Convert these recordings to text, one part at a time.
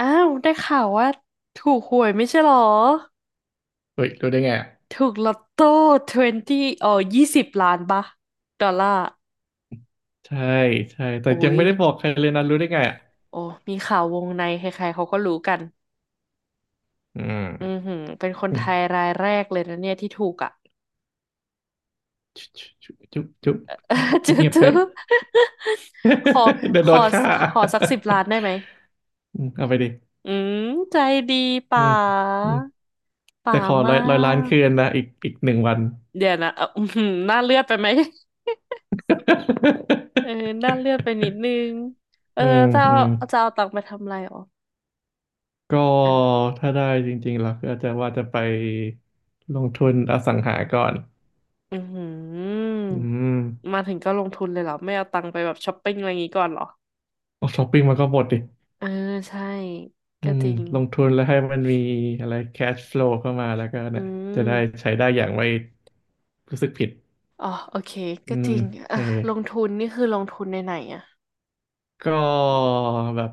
อ้าวได้ข่าวว่าถูกหวยไม่ใช่หรอเฮ้ยรู้ได้ไงอ่ะถูกลอตโต้20เอ่อ20ล้านปะดอลลาร์ใช่ใช่แต่โอ้ยังยไม่ได้บอกใครเลยนะรู้ได้ไงอ่ะโอ้มีข่าววงในใครๆเขาก็รู้กันอืมอือหือเป็นคนอืไทยมรายแรกเลยนะเนี่ยที่ถูกอ่ะ จุ๊บจุ๊บจุ๊บจุ๊บ จื๊อเงียบๆไป จื๊อขอ เดี๋ยขวโดอนฆ่า ขอสักสิบล้านได้ไหม อืมเอาไปดิอืมใจดีอืป๋ามอืมแต่ป๋าขอมาร้อยล้านคืกนนะอีกหนึ่งวัน เดี๋ยวนะอื้อหือน่าเลือดไปไหม เออด้านเลือด ไปนิดนึงเอออืมจะอืเอามจะเอาตังค์ไปทำอะไรอ๋อก็ถ้าได้จริงๆเราก็อาจจะว่าจะไปลงทุนอสังหาก่อนอือหืออืมมาถึงก็ลงทุนเลยเหรอ ไม่เอาตังค์ไปแบบช้อปปิ้งอะไรอย่างงี้ก่อนเหรอเอาช้อปปิ้งมาก็หมดดิ เออใช่ อืก็มจริงลงทุนแล้วให้มันมีอะไร cash flow เข้ามาแล้วก็อืเนี่ยจะได้มใช้ได้อย่างไม่รู้สึกผิดอ๋อโอเค อืก็จมริงเออ่ะอลงทุนนี่คือลงทุนในไหนอ่ะก็แบบ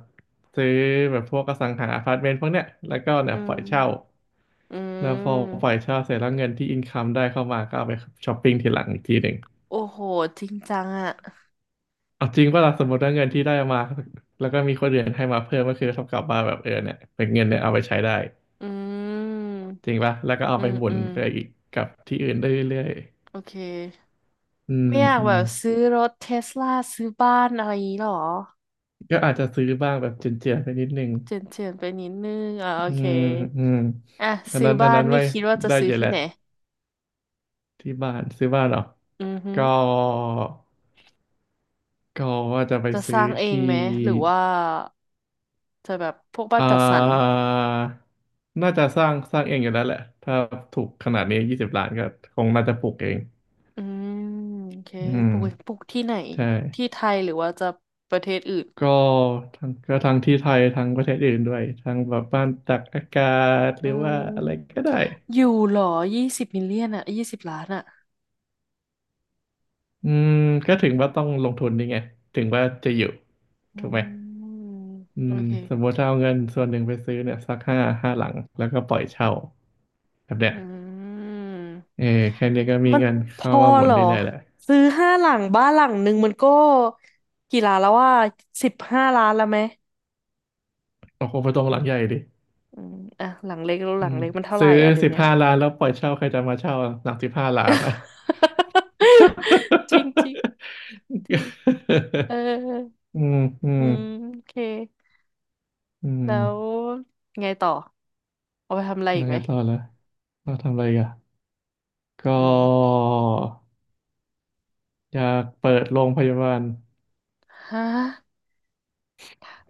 ซื้อแบบพวกอสังหาอพาร์ตเมนต์พวกเนี้ยแล้วก็เนี่อืยปล่อยเช่ามอืแล้วพอปล่อม ยเช่าเสร็จแล้วเงินที่อินคัมได้เข้ามาก็เอาไปช้อปปิ้งทีหลังอีกทีหนึ่งโอ้โหจริงจังอ่ะเอาจริงว่าสมมติว่าเงินที่ได้มาแล้วก็มีคนอื่นให้มาเพิ่มก็คือเท่ากับว่าแบบเออเนี่ยเป็นเงินเนี่ยเอาไปใช้ได้อืม จริงปะแล้วก็เอาอืไปมหมุอืนมไปอีกกับที่อื่นได้เรื่อยโอเคๆอืมไม่อยากอืแบม บซื้อรถเทสลาซื้อบ้านอะไรอย่างงี้หรอ ก็อาจจะซื้อบ้างแบบเจียนๆไปนิดนึงเฉียนเฉียนไปนิดนึงอ่าโออืเคมอืมอ่ะอันซื้อนั้นอันบ้านนั้นนี่ไว้คิดว่าจะได้ซื้อเยอะแหที่ละไหนที่บ้านซื้อบ้านเหรออือฮึก็ก็ว่าจะไปจะสซื้อร้างเองที่ไหมหรือว่าจะแบบพวกบ้านอ่จัดสรราน่าจะสร้างเองอยู่แล้วแหละถ้าถูกขนาดนี้20 ล้านก็คงน่าจะปลูกเองอืมโอเคอืมปลูกปลูกที่ไหนใช่ที่ไทยหรือว่าจะประเทศอื่นก็ทั้งก็ทั้งที่ไทยทั้งประเทศอื่นด้วยทั้งแบบบ้านตากอากาศหอืรือว่าอะไรมก็ได้ อยู่เหรอยี่สิบมิลเลียนอ่ะยี่สิบล้านอ่ะอืมก็ถึงว่าต้องลงทุนนี่ไงถึงว่าจะอยู่อืถูกไหมมอืโอมเค สมมติถ้าเอาเงินส่วนหนึ่งไปซื้อเนี่ยสักห้าหลังแล้วก็ปล่อยเช่าแบบเนี้ยอืเอมอแค่นี้ก็มีมันเงินพเข้าอมาหมุเหนรอได้เลยแหละซื้อห้าหลังบ้านหลังหนึ่งมันก็กี่ล้านแล้วว่าสิบห้าล้านแล้วไหมโอ้โหไปตรงหลังใหญ่ดิอืมอ่ะหลังเล็กแล้วหอืลังมเล็กมันเท่าไหซื้ร่ออ่ะเดี๋ยสิวบเนี้ย ห้าล้านแล้วปล่อยเช่าใครจะมาเช่าหลังสิบห้าล้านอ่ะ จริงจริงจริง เอออืมอือืมมโอเคอืมแล้วไงต่อเอาไปทำอะไรแล้อีวกไหมไงต่อละเราทำอะไรกันก็อืมอยากเปิดโรงพยาบาล ฮะ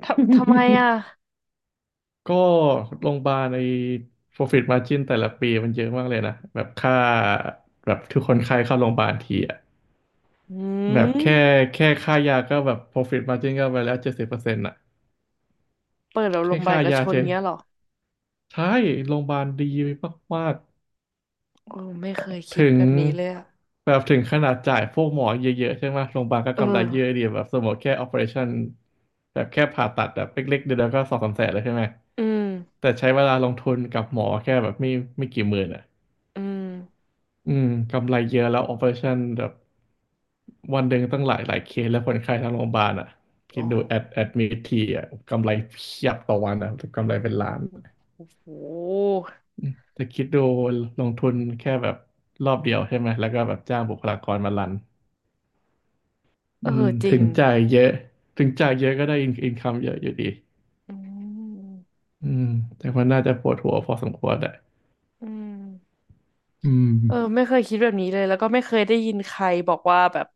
ทำไมอ่ะ ก็โรงพยาบาลใน profit margin แต่ละปีมันเยอะมากเลยนะแบบค่าแบบทุกคนไข้เข้าโรงพยาบาลทีอะอืแบบแค่มแค่ค่ายาก็แบบ profit margin ก็ไปแล้ว70%อะเปิดเราลแค่งใบค่ากระยาชเฉนยเงี้ยเหรอใช่โรงพยาบาลดีมากโอ้ไม่เคยๆคิดถึงแบบนี้เลยอ่ะแบบถึงขนาดจ่ายพวกหมอเยอะๆใช่ไหมโรงพยาบาลก็เออกำไรเยอะดีแบบสมมติแค่ operation แบบแค่ผ่าตัดแบบเล็กๆเดียวก็สองสามแสนแล้วใช่ไหมอืม แต่ใช้เวลาลงทุนกับหมอแค่แบบไม่กี่หมื่นอะ อืมอืมกำไรเยอะแล้วออ p e r a t i o n แบบวันหนึ่งตั้งหลายหลายเคสแล้วคนไข้ทั้งโรงพยาบาลอ่ะคิโอ้ดดูโหแอดมิททีอ่ะกำไรเพียบต่อวันอ่ะกำไรเป็นล้านอืมโอ้โหแต่คิดดูลงทุนแค่แบบรอบเดียวใช่ไหมแล้วก็แบบจ้างบุคลากรมารันเออือมจริถึงงจ่ายเยอะถึงจ่ายเยอะก็ได้อินคัมเยอะอยู่ดีอืมอืมแต่ว่าน่าจะปวดหัวพอสมควรแหละอืมอืม เออไม่เคยคิดแบบนี้เลยแล้วก็ไม่เคยได้ยินใครบอกว่าแบบ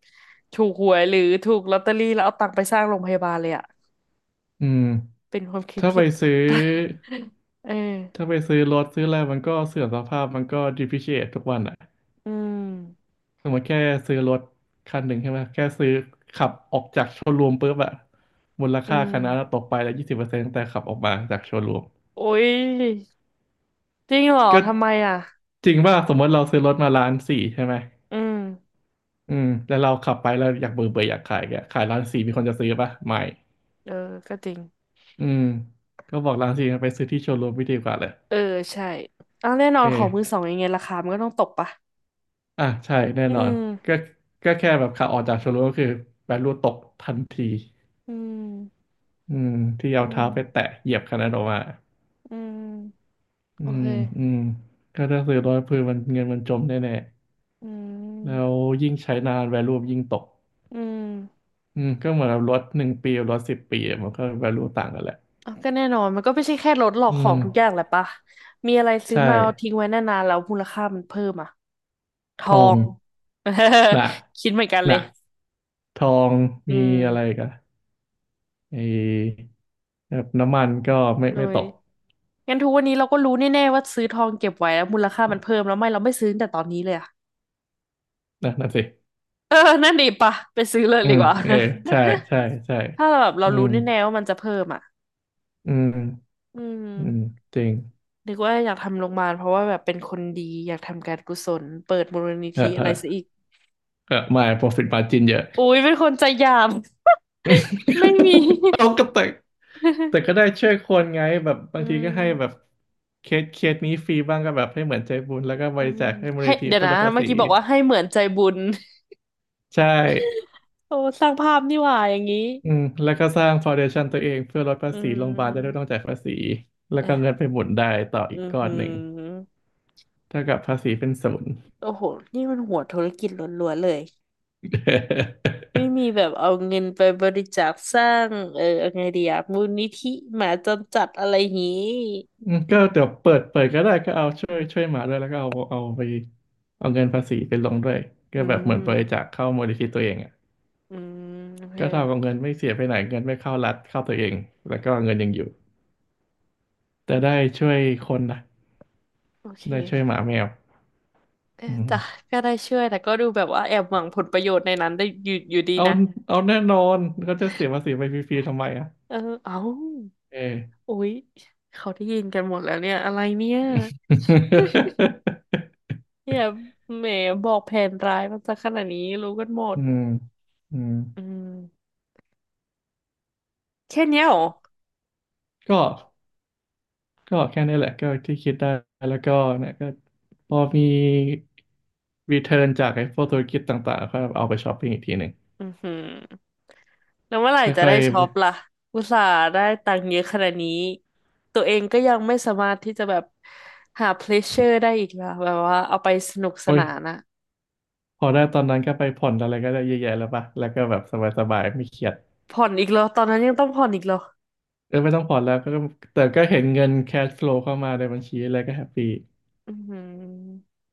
ถูกหวยหรือถูกลอตเตอรี่แล้วเอาตังค์ไปสร้างโรงพยาบาลเลยอะอืมเป็นความคิดถ้าไปที่ ซื้อ เออถ้าไปซื้อรถซื้ออะไรมันก็เสื่อมสภาพมันก็ depreciate ทุกวันอ่ะอืมสมมติแค่ซื้อรถคันหนึ่งใช่ไหมแค่ซื้อขับออกจากโชว์รูมปุ๊บอะมูลอืค่าคันนั้นมตกไปแล้ว20%ตั้งแต่ขับออกมาจากโชว์รูมโอ้ยจริงเหรอก็ทำไมอ่ะจริงว่าสมมติเราซื้อรถมาล้านสี่ใช่ไหมอืมอืมแล้วเราขับไปแล้วอยากเบื่อเบื่ออยากขายแกขายล้านสี่มีคนจะซื้อปะไม่เออก็จริงอืมก็บอกล้านสี่ไปซื้อที่โชว์รูมไม่ดีกว่าเลยเออใช่อ้าวแน่นอเอนขอ องมือสองยังไงราคามันก็ต้องตกปะอ่ะใช่แน่อืนอนก็มก็แค่แบบขาออกจากโชว์รูมก็คือแบนรูตกทันทีอืมอืมที่อืเอาเท้าไปม แตะเหยียบคันนั้นออกมาอืมอืโอเคมอืมก็ถ้าซื้อรถคือมันเงินมันจมแน่อืๆแล้วมยิ่งใช้นาน value ยิ่งตกอืมอืมก็เหมือนกับรถหนึ่งปีกับรถ10 ปีอะมันก็ value ต่างกันแหละอ่ะก็แน่นอนมันก็ไม่ใช่แค่รถหรอกอืของมทุกอย่างแหละปะมีอะไรซื้อใช่มาเอาทิ้งไว้นานๆแล้วมูลค่ามันเพิ่มอ่ะททอองง หนัก คิดเหมือนกันหเลนัยกทองอืมีมอะไรอีกันไอแบบน้ำมันก็ไม่เลไม่ตยกงั้นทุกวันนี้เราก็รู้แน่ๆว่าซื้อทองเก็บไว้แล้วมูลค่ามันเพิ่มแล้วไม่เราไม่ซื้อตั้งแต่ตอนนี้เลยอ่ะ นะนั่นสิ เออนั่นดีปะไปซื้อเลยอืดีมกว่า เออใช่ใช่ใช่ ถ้าเราแบบเราอืรู้มแน่ๆว่ามันจะเพิ่มอ่ะอืมอือืมม จริงนึกว่าอยากทำโรงพยาบาลเพราะว่าแบบเป็นคนดีอยากทำการกุศลเปิดมูลนิเออธิเออะอไรซะอีกเออไม่ profit margin เยอะ อุ๊ยเป็นคนใจหยาม ไม่มี เอาก็แต่แต่ก็ได้ ช่วยคนไงแบบบาอืงทีก็ให้แบบมเคสเคสนี้ฟรีบ้างก็แบบให้เหมือนใจบุญแล้วก็บอืริมจาคให้มูลให้นิธิเดี๋ยวเพื่อนะลดภาเมื่อษีกี้บอกว่าให้เหมือนใจบุญ ใช่ โอ้สร้างภาพนี่หว่าอย่างนี้อืมแล้วก็สร้างฟ u n เดชั o นตัวเองเพื่อลดภาอืษีโรงพยาบาลจะได้ไม่มต้องจ่ายภาษีแล้วก็เงินเอะไปหมุนได้ต่ออือีกอก้อหืนหนึ่งอเท่ากับภาษีเป็นศูนย์ โอ้โหนี่มันหัวธุรกิจล้วนๆเลยไม่มี แบบเอาเงินไปบริจาคสร้างเออเอาไงดีอะมูลนิธิหมาจรจัดอะไรอย่างงี้อืมก็เดี๋ยวเปิดก็ได้ก็เอาช่วยหมาด้วยแล้วก็เอาไปเอาเงินภาษีไปลงด้วยก็อืแบบเหมือนบริจามคเข้ามูลนิธิตัวเองอ่ะอืมโอเค ก็เท่ากับเงินไม่เสียไปไหนเงินไม่เข้ารัฐเข้าตัวเองแล้วก็เงินยังอยู่แต่ได้ช่วยคนนะโอเคได้ช่วยหมาแมวเอออืมจ้ะก็ได้ช่วยแต่ก็ดูแบบว่าแอบหวังผลประโยชน์ในนั้นได้อยู่อยู่ดีเอานะแน่นอนเขาจะเสียภาษีไปฟรีๆทำไมอ่ะเออเอ้าเออ อุ๊ยเขาได้ยินกันหมดแล้วเนี่ยอะไรเนี่ย เนี่ยแหมบอกแผนร้ายมันซะขนาดนี้รู้กันหมดอืมอืมอืมแค่เนี้ยเหรอก็ ก็แค่นี้แหละก็ที่คิดได้แล้วก็เนี่ยก็พอมีรีเทิร์นจากไอ้พวกธุรกิจต่างๆก็เอาไปช้อปปิ้งอีกทีหนึ่งอือหือแล้วเมื่อไหร่จะค่อได้ยช็อปล่ะอุตส่าห์ได้ตังค์เยอะขนาดนี้ตัวเองก็ยังไม่สามารถที่จะแบบหาเพลชเชอร์ได้อีกล่ะแบบว่าเอาไปสนุกๆสโอ้ยนานอะ พอได้ตอนนั้นก็ไปผ่อนอะไรก็ได้เยอะแยะแล้วป่ะแล้วก็แบบสบายๆไม่เครียดผ่อนอีกเหรอตอนนั้นยังต้องผ่อนอีกเหรอเออไม่ต้องผ่อนแล้วก็แต่ก็เห็นเงินแคชฟลูเข้ามาในบัญชีอะไรก็แฮปปี้อือ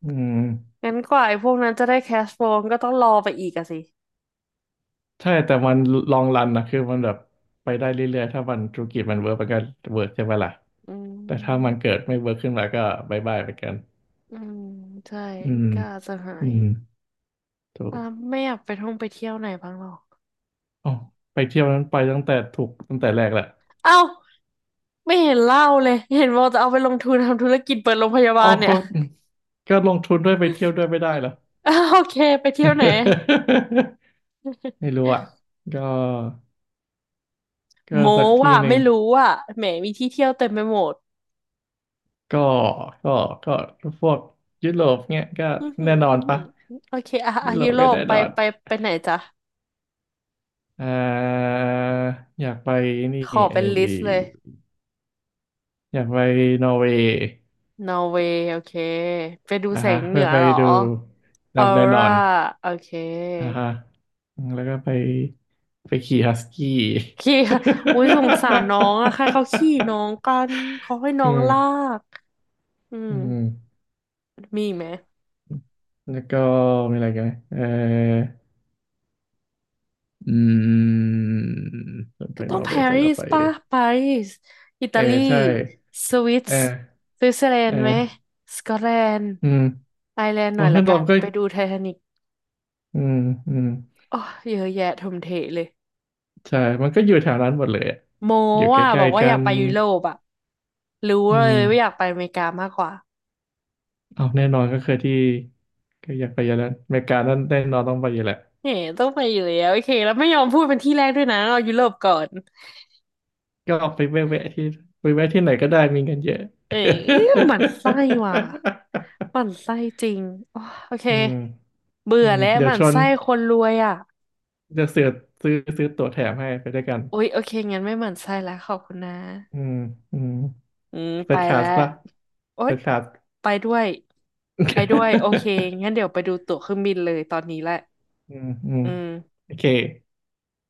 อืมงั้นกว่าไอ้พวกนั้นจะได้แคชโฟมก็ต้องรอไปอีกอะสิใช่แต่มันลองรันนะคือมันแบบไปได้เรื่อยๆถ้ามันธุรกิจมันเวิร์กมันก็เวิร์กใช่ไหมล่ะอืแต่ถ้ามันมเกิดไม่เวิร์กขึ้นมาก็บายบายไปกันอืมใช่อืมก็อาจจะหาอืยม ถูอ่ากไม่อยากไปท่องไปเที่ยวไหนบ้างหรอกอ๋อไปเที่ยวนั้นไปตั้งแต่ถูกตั้งแต่แรกแหละเอ้าไม่เห็นเล่าเลยเห็นว่าจะเอาไปลงทุนทำธุรกิจเปิดโรงพยาอ๋บาอลเนี่ก็ย ก็ลงทุนด้วยไปเที่ยวด้วยไม่ได้เหรอ อ้าวโอเคไปเที่ยวไหน ไม่รู้อ่ะก็ก็โมสักทีว่าหนึ่ไม่งรู้ว่าแหมมีที่เที่ยวเต็มไปหมดก็ก็ก็พวกยุโรปเนี้ยก็อือหืแน่อนออืนอหืปะอโอเคอ่ะอ่ะยุโรยุปโรก็ปแน่ไปนอนไปไปไหนจ๊ะอ่าอยากไปนี่ขอเอเป็นลิสต์เลย ออยากไปนอร์เวย์นอร์เวย์โอเคไปดูนะแสฮะงเหนืเพื่ออไปเหรอดูออดำแน่นอร่าน โอเคอ่าฮะอืมแล้วก็ไปไปขี่ฮัสกี้ ขี้ อุ้ยสงสารน้องอะใครเขาขี่ น้องกันเขาให้น้อืองลามกอืมอืมมีอีกไหมแล้วก็มีอะไรกันไหมเอออืมไปก็ต้อนงอร์เวปาย์เสร็จรีแล้วสไปป่ะปารีสอิตาเออลีใช่สวิตเออส์สวิตเซอร์แลนเอด์ไหมอสกอตแลนด์อืมไอร์แลนด์หโอ้น่อยละนั่นตกัอนนก็ไปดูไททานิกอืมอืมอ๋อเยอะแยะทมเทเลยใช่มันก็อยู่แถวนั้นหมดเลยอะโมอยู่ใกว่าบล้อกๆว่ากัอยากนไปยุโรปอะรู้อืเลมยว่าอยากไปอเมริกามากกว่า เอาแน่นอนก็คือที่ก็อยากไปอยู่แล้วอเมริกานั่นแน่นอนต้องไปอยู่แหละ เอ๋ต้องไปอยู่แล้วโอเคแล้วไม่ยอมพูดเป็นที่แรกด้วยนะเอายุโรปก่อนก็ไปแวะๆที่ไปแวะที่ไหนก็ได้มีเงินเยอะ เอ๋หมั่นไส้ว่ะหมั่นไส้จริงอ๋อโอเคอืมอืเบื่อมแล้วเดี๋หยวมั่นชวนไส้คนรวยอ่ะจะเสือกซื้อตั๋วแถมให้ไปด้วยกันโอ๊ยโอเคงั้นไม่หมั่นไส้แล้วขอบคุณนะอืมอืมอืมเปิไปดคลาแล้สวป่ะโอ๊เปิยดคลาส ไปด้วยไปด้วยโอเค งั้นเดี๋ยวไปดูตั๋วเครื่องบินเลยตอนนี้แหละอืม อืมอืมโอเค